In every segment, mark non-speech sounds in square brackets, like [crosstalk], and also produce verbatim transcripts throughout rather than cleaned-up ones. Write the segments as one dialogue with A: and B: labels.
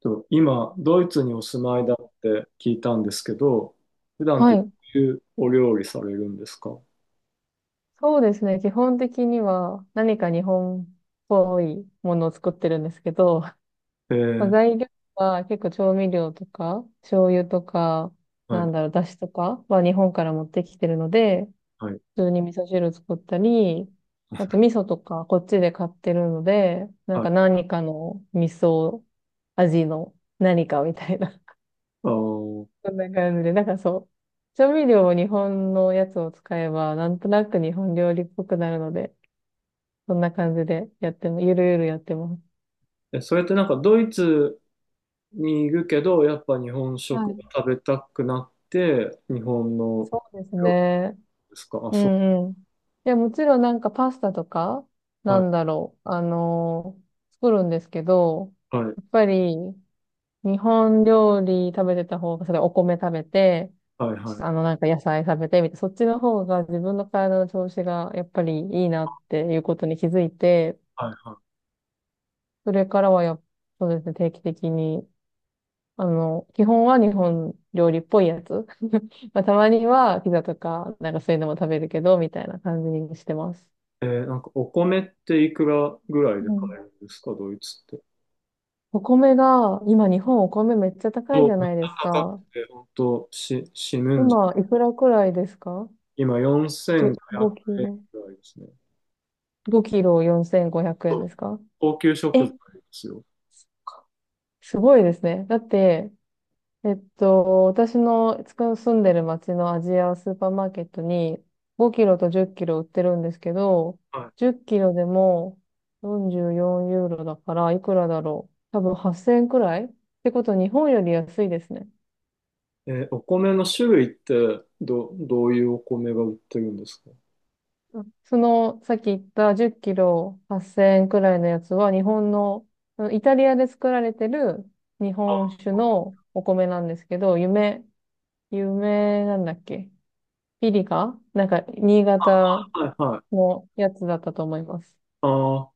A: と今、ドイツにお住ま
B: う
A: い
B: ん
A: だって聞いたんですけど、普段っ
B: は
A: てど
B: い。
A: ういうお料理されるんですか？
B: そうですね。基本的には何か日本っぽいものを作ってるんですけど、
A: え
B: まあ、
A: ー、
B: 材料は結構調味料とか、醤油とか、
A: は
B: な
A: い、
B: んだろう、だしとかは日本から持ってきてるので、
A: はい、
B: 普通に味噌汁作ったり、あと味噌とかこっちで買ってるので、なん
A: は
B: か
A: い。
B: 何かの味噌味の何かみたいな、[laughs]
A: あー、
B: そんな感じで、なんかそう、調味料を日本のやつを使えば、なんとなく日本料理っぽくなるので、そんな感じでやっても、ゆるゆるやってます。
A: え、それってなんかドイツにいるけど、やっぱ日本
B: は
A: 食が
B: い。
A: 食べたくなって、日本の
B: そうです
A: 料理
B: ね。
A: ですか？あ、
B: う
A: そ
B: んうん。いや、もちろんなんかパスタとか、
A: う、
B: な
A: はい、
B: んだろう、あのー作るんですけど、
A: はい、
B: やっぱり日本料理食べてた方が、それお米食べて、
A: はい、は
B: あ
A: い、
B: のなんか野菜食べてみたいな、そっちの方が自分の体の調子がやっぱりいいなっていうことに気づいて、
A: はい、は
B: それからはやっ、そうですね、定期的にあの、基本は日本料理っぽいやつ。[laughs] まあ、たまにはピザとか、なんかそういうのも食べるけど、みたいな感じにしてます。
A: い。えー、なんかお米っていくらぐらい
B: う
A: で買
B: ん。
A: えるんですか、ドイツって。
B: お米が、今日本お米めっちゃ高い
A: そ
B: じ
A: う、
B: ゃ
A: めっち
B: ないです
A: ゃ高く
B: か。
A: て、本当し、死ぬんじ
B: 今、
A: ゃ。
B: いくらくらいですか？
A: 今
B: じゅ
A: 4500
B: 5キ
A: 円
B: ロ。
A: ぐらいですね。
B: ごキロ4500
A: そ
B: 円
A: う、
B: ですか？
A: 高級食
B: え、
A: 材ですよ。
B: すごいですね。だって、えっと、私のつく住んでる町のアジアスーパーマーケットにごキロとじっキロ売ってるんですけど、
A: は
B: じっキロでもよんじゅうよんユーロだからいくらだろう。多分はっせんえんくらいってこと日本より安いですね。
A: い。えーお米の種類ってど、どういうお米が売ってるんですか？
B: うん、そのさっき言ったじっキロはっせんえんくらいのやつは日本の、あのイタリアで作られてる日本
A: あ、
B: 酒のお米なんですけど、夢、夢なんだっけ、ピリカ、なんか新潟
A: はいはい。
B: のやつだったと思います。
A: ああ、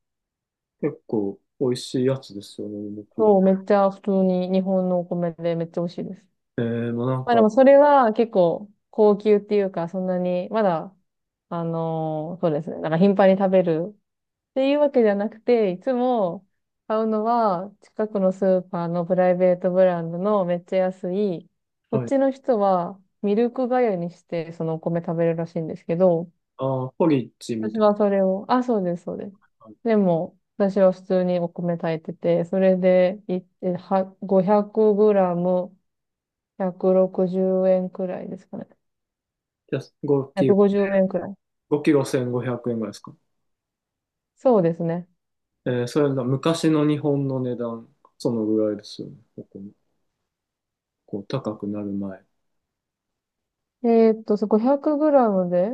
A: 結構美味しいやつですよね、梅ピ
B: そう、めっちゃ普通に日本のお米でめっちゃ美味しいです。
A: ル。えー、もうなん
B: まあで
A: か、
B: もそれは結構高級っていうか、そんなに、まだ、あのーそうですね。なんか頻繁に食べるっていうわけじゃなくて、いつも買うのは近くのスーパーのプライベートブランドのめっちゃ安い、こっ
A: はい。
B: ちの人はミルク粥にしてそのお米食べるらしいんですけど、
A: ああ、ポリッジみ
B: 私
A: たい
B: はそれを、あ、そうです、そうです。
A: な。
B: でも、私は普通にお米炊いてて、それでい、えは、ごひゃくグラムひゃくろくじゅうえんくろくじゅうえんくらいですかね。
A: やつ5キロ、
B: ひゃくごじゅうえんくごじゅうえんくらい。
A: ごキロせんごひゃくえんぐらいですか？
B: そうですね。
A: えー、それが昔の日本の値段、そのぐらいですよね、ここもこう、高くなる前。
B: えーっと、そごひゃくグラムで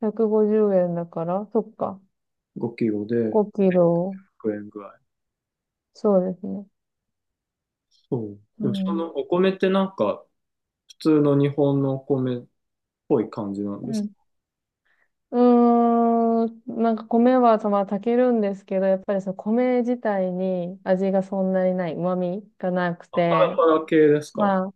B: ひゃくごじゅうえんだから、そっか。
A: ごきろで
B: ごキロ。
A: ひゃくえんぐらい。
B: そうですね。
A: そう。
B: う
A: でもその
B: ん。
A: お米ってなんか普通の日本のお米っぽい感じなん
B: う
A: ですか？
B: ん。うーん、なんか米はたまあ炊けるんですけど、やっぱりその米自体に味がそんなにない、旨味がなく
A: あ、パラ
B: て、
A: パラ系ですか？
B: まあ、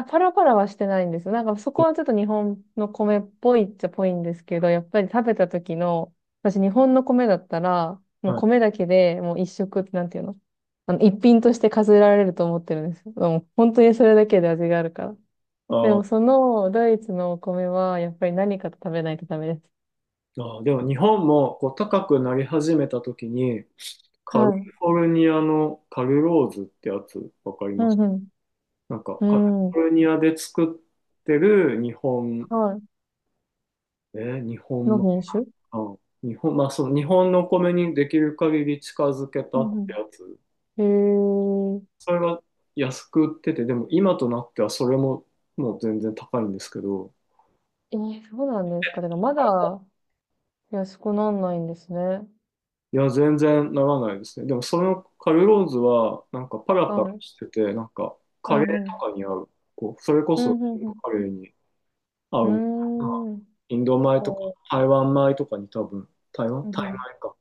B: あ、パラパラはしてないんですよ。なんかそこはちょっと日本の米っぽいっちゃぽいんですけど、やっぱり食べた時の、私日本の米だったら、もう
A: は
B: 米
A: い。
B: だけでもう一食、なんていうの、あの、一品として数えられると思ってるんですよ。もう本当にそれだけで味があるから。
A: あ
B: でも
A: ー
B: そのドイツのお米はやっぱり何かと食べないとダメです。
A: あー、でも日本もこう高くなり始めた時に
B: は
A: カリ
B: い。
A: フォルニアのカルローズってやつわかり
B: う
A: ます？
B: んう
A: なんかカリ
B: ん。う
A: フ
B: ん。
A: ォルニアで作ってる日本、
B: は
A: えー日
B: い。
A: 本
B: の
A: 米
B: 品種。
A: か、日本、まあその日本のお米にできる限り近づけ
B: う
A: たっ
B: ん
A: てやつ。
B: うん。へえ。
A: それが安く売ってて、でも今となってはそれももう全然高いんですけど、
B: えー、そうなんですか。だからまだ、安くなんないんですね。
A: いや、全然ならないですね。でもそのカルローズはなんかパラパラ
B: はい。
A: してて、なんか
B: う
A: カレー
B: んうん。
A: とかに合う、こう、それこ
B: うん
A: そ
B: うん
A: カレーに合
B: う
A: うみたいな、
B: ん。うーん。
A: インド米とか
B: ほ
A: 台湾米とかに多分、台湾
B: う。うん
A: タイ
B: う
A: 米
B: ん。
A: か。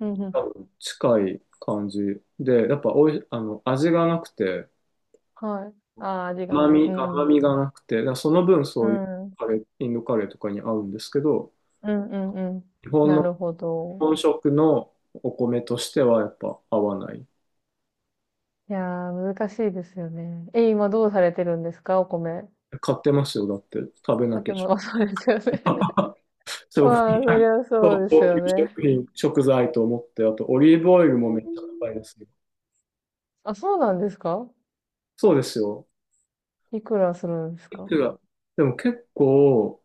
B: うんう
A: 多
B: ん。
A: 分近い感じで、やっぱおい、あの、味がなくて、
B: はい。ああ、味が
A: 甘
B: ない。う
A: み、
B: んう
A: 甘
B: ん。
A: みがなくて、だからその分
B: う
A: そういう
B: ん。
A: カレー、インドカレーとかに合うんですけど、
B: うんうんうん。
A: 日本
B: な
A: の
B: るほど。
A: 本食のお米としてはやっぱ合わない。
B: いやー、難しいですよね。え、今どうされてるんですか、お米？
A: 買ってますよ、だって食べな
B: 買っ
A: きゃ。
B: ても、あ、そうですよね。[laughs]
A: [laughs] そう、う
B: まあ、そりゃそう
A: 高
B: です
A: 級
B: よね。
A: 食品、食材と思って、あとオリーブオイル
B: え
A: もめっちゃ高いで
B: ー、
A: すよ。
B: あ、そうなんですか？
A: そうですよ。
B: いくらするんです
A: い
B: か？
A: くらでも結構、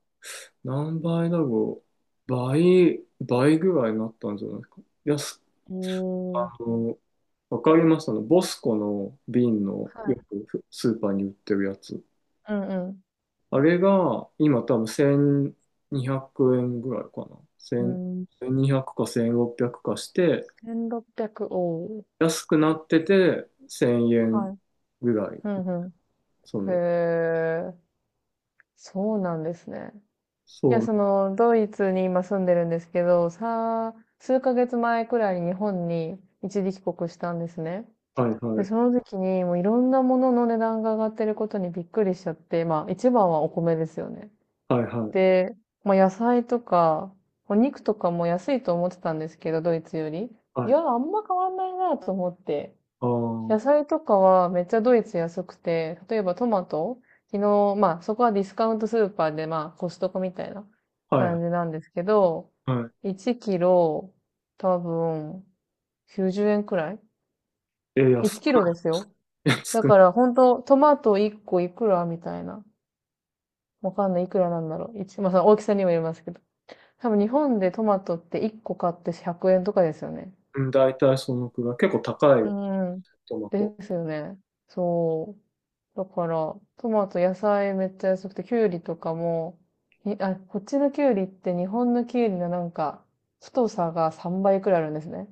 A: 何倍だろう。倍、倍ぐらいになったんじゃないですか。安、
B: えー、
A: あの、わかります？あの、ボスコの瓶の
B: はい。
A: よくスーパーに売ってるやつ。
B: うん
A: あれが、今多分せんにひゃくえんぐらいかな。いち
B: う
A: ゼロ
B: ん。うん、
A: ゼロ に ゼロ ゼロかせんろっぴゃくかして、
B: せんろっぴゃく、おー、
A: 安くなっててせんえん
B: はい。
A: ぐらい。
B: うんう
A: そ
B: ん。へ
A: の、
B: え、そうなんですね。いや、
A: そう、
B: その、ドイツに今住んでるんですけど、さ、数ヶ月前くらいに日本に一時帰国したんですね。
A: はいは
B: で、
A: い、
B: その時にもういろんなものの値段が上がってることにびっくりしちゃって、まあ一番はお米ですよね。
A: はいはい、
B: で、まあ野菜とか、お肉とかも安いと思ってたんですけど、ドイツより。い
A: はい。
B: や、あんま変わんないなと思って。
A: ああ、は
B: 野菜とかはめっちゃドイツ安くて、例えばトマト、昨日、まあそこはディスカウントスーパーでまあコストコみたいな
A: い、
B: 感じなんですけど、
A: は
B: いちキロ多分きゅうじゅうえんくらい？
A: い。え、安
B: いち キ
A: く
B: ロですよ。
A: ない、[laughs] 安
B: だ
A: くない。
B: から本当トマトいっこいくらみたいな。わかんない、いくらなんだろう。一、まあその大きさにもよりますけど。多分日本でトマトっていっこ買ってひゃくえんとかですよね。
A: うん、大体そのくらい。結構高
B: う
A: い
B: ん。
A: トマト。
B: ですよね。そう。だから、トマト、野菜めっちゃ安くて、きゅうりとかも、にあ、こっちのきゅうりって日本のきゅうりのなんか、太さがさんばいくらいあるんですね。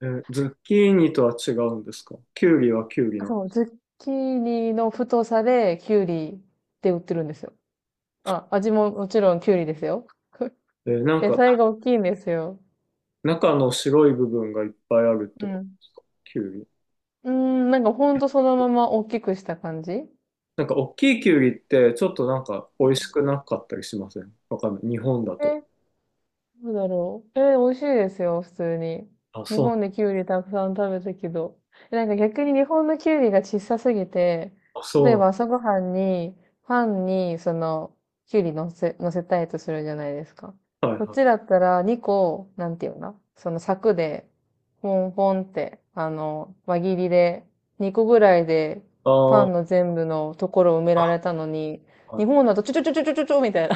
A: え、ズッキーニとは違うんですか？キュウリはキュウリ
B: あ、
A: なの？
B: そう、ズッキーニの太さできゅうりって売ってるんですよ。あ、味ももちろんきゅうりですよ。
A: え、な
B: [laughs]
A: ん
B: 野
A: か、
B: 菜が大きいんですよ。
A: 中の白い部分がいっぱいあるっ
B: う
A: てこと
B: ん。
A: ですか？キュウリ。
B: うーん、なんかほんとそのまま大きくした感じ。
A: なんか大きいキュウリってちょっとなんか美味しくなかったりしません？わかんない。日本だと。
B: で、どうだろう。えー、美味しいですよ、普通に。
A: あ、
B: 日
A: そ
B: 本
A: う。
B: でキュウリたくさん食べたけど。えなんか逆に日本のキュウリが小さすぎて、
A: あ、
B: 例え
A: そ
B: ば朝ごはんに、パンに、その、キュウリ乗せ、乗せたいとするじゃないですか。
A: うなんは
B: こっ
A: いはい。
B: ちだったらにこ、なんていうの、その柵で、ポンポンって、あの、輪切りで、にこぐらいで、パ
A: あ
B: ンの
A: あ、
B: 全部のところを埋められたのに、
A: は
B: 日
A: い。
B: 本だとちょちょちょちょちょちょみたいな。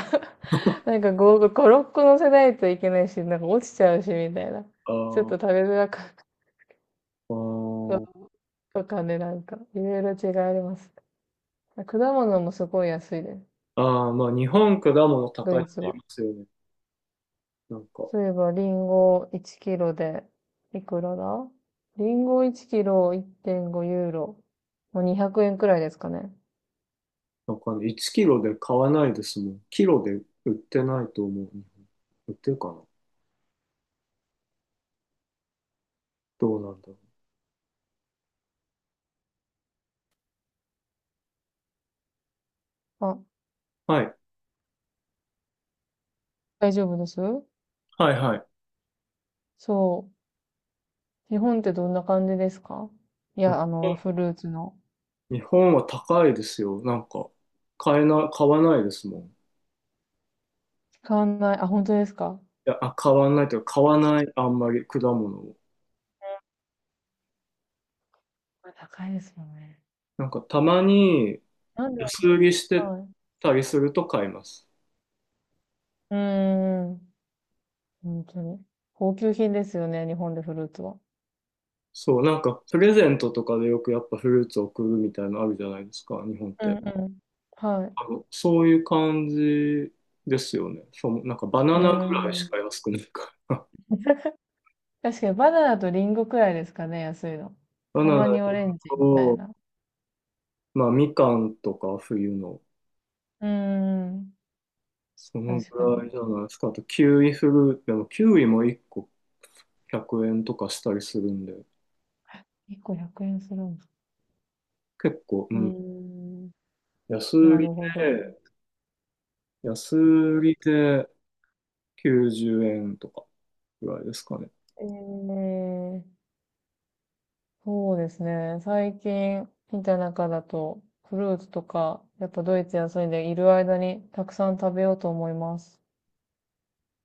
B: なんかご、ご、ろっこ乗せないといけないし、なんか落ちちゃうし、みたいな。
A: あ
B: ちょっ
A: ー
B: と食べづらかっ
A: あ
B: た
A: ー、
B: とかね、なんか、いろいろ違いあります。果物もすごい安いです。
A: あー、まあ日本果物
B: ド
A: 高い
B: イ
A: っ
B: ツ
A: て言い
B: は。
A: ますよね。なんか、
B: そういえば、リンゴいちキロで、いくらだ、リンゴいちキロいってんごユーロ。もうにひゃくえんくえんくらいですかね。
A: なんかね、いちきろで買わないですもん。キロで売ってないと思う。日本、売ってるかな、どうなんだろ
B: あ、
A: う。はい。
B: 大丈夫です。
A: はいはい。
B: そう。日本ってどんな感じですか？い
A: うん、
B: や、あの、フルーツの。
A: 日本は高いですよ。なんか、買えな、買わないですもん。い
B: 使わない。あ、本当ですか？
A: や、あ、買わないというか、買わない、あんまり果物を。
B: これ高いですよね。
A: なんかたまに
B: なんで、
A: 安売りして
B: はい。
A: たりすると買います。
B: うーん。本当に。高級品ですよね、日本でフルーツは。
A: そう、なんかプレゼントとかでよくやっぱフルーツ送るみたいなのあるじゃないですか、日本っ
B: うん
A: て。
B: うん。はい。
A: あの、そういう感じですよね。そう、なんかバナ
B: うー
A: ナぐらいし
B: ん。
A: か安くないから。[laughs]
B: 確かにバナナとリンゴくらいですかね、安いの。
A: バ
B: た
A: ナ
B: ま
A: ナ
B: にオレンジみたい
A: と、
B: な。
A: まあみかんとか冬の、
B: うーん。
A: その
B: 確か
A: ぐらい
B: に。
A: じゃないですか。あとキウイフルーツ、でもキウイもいっこひゃくえんとかしたりするんで、
B: いっこひゃくえんするんだ。
A: 結構、う
B: うー
A: ん。
B: ん。
A: 安売
B: な
A: り
B: るほど。
A: で、安売りで、きゅうじゅうえんとかぐらいですかね。
B: ええ、そうですね。最近見た中だと、フルーツとか、やっぱドイツ安いんでいる間にたくさん食べようと思います。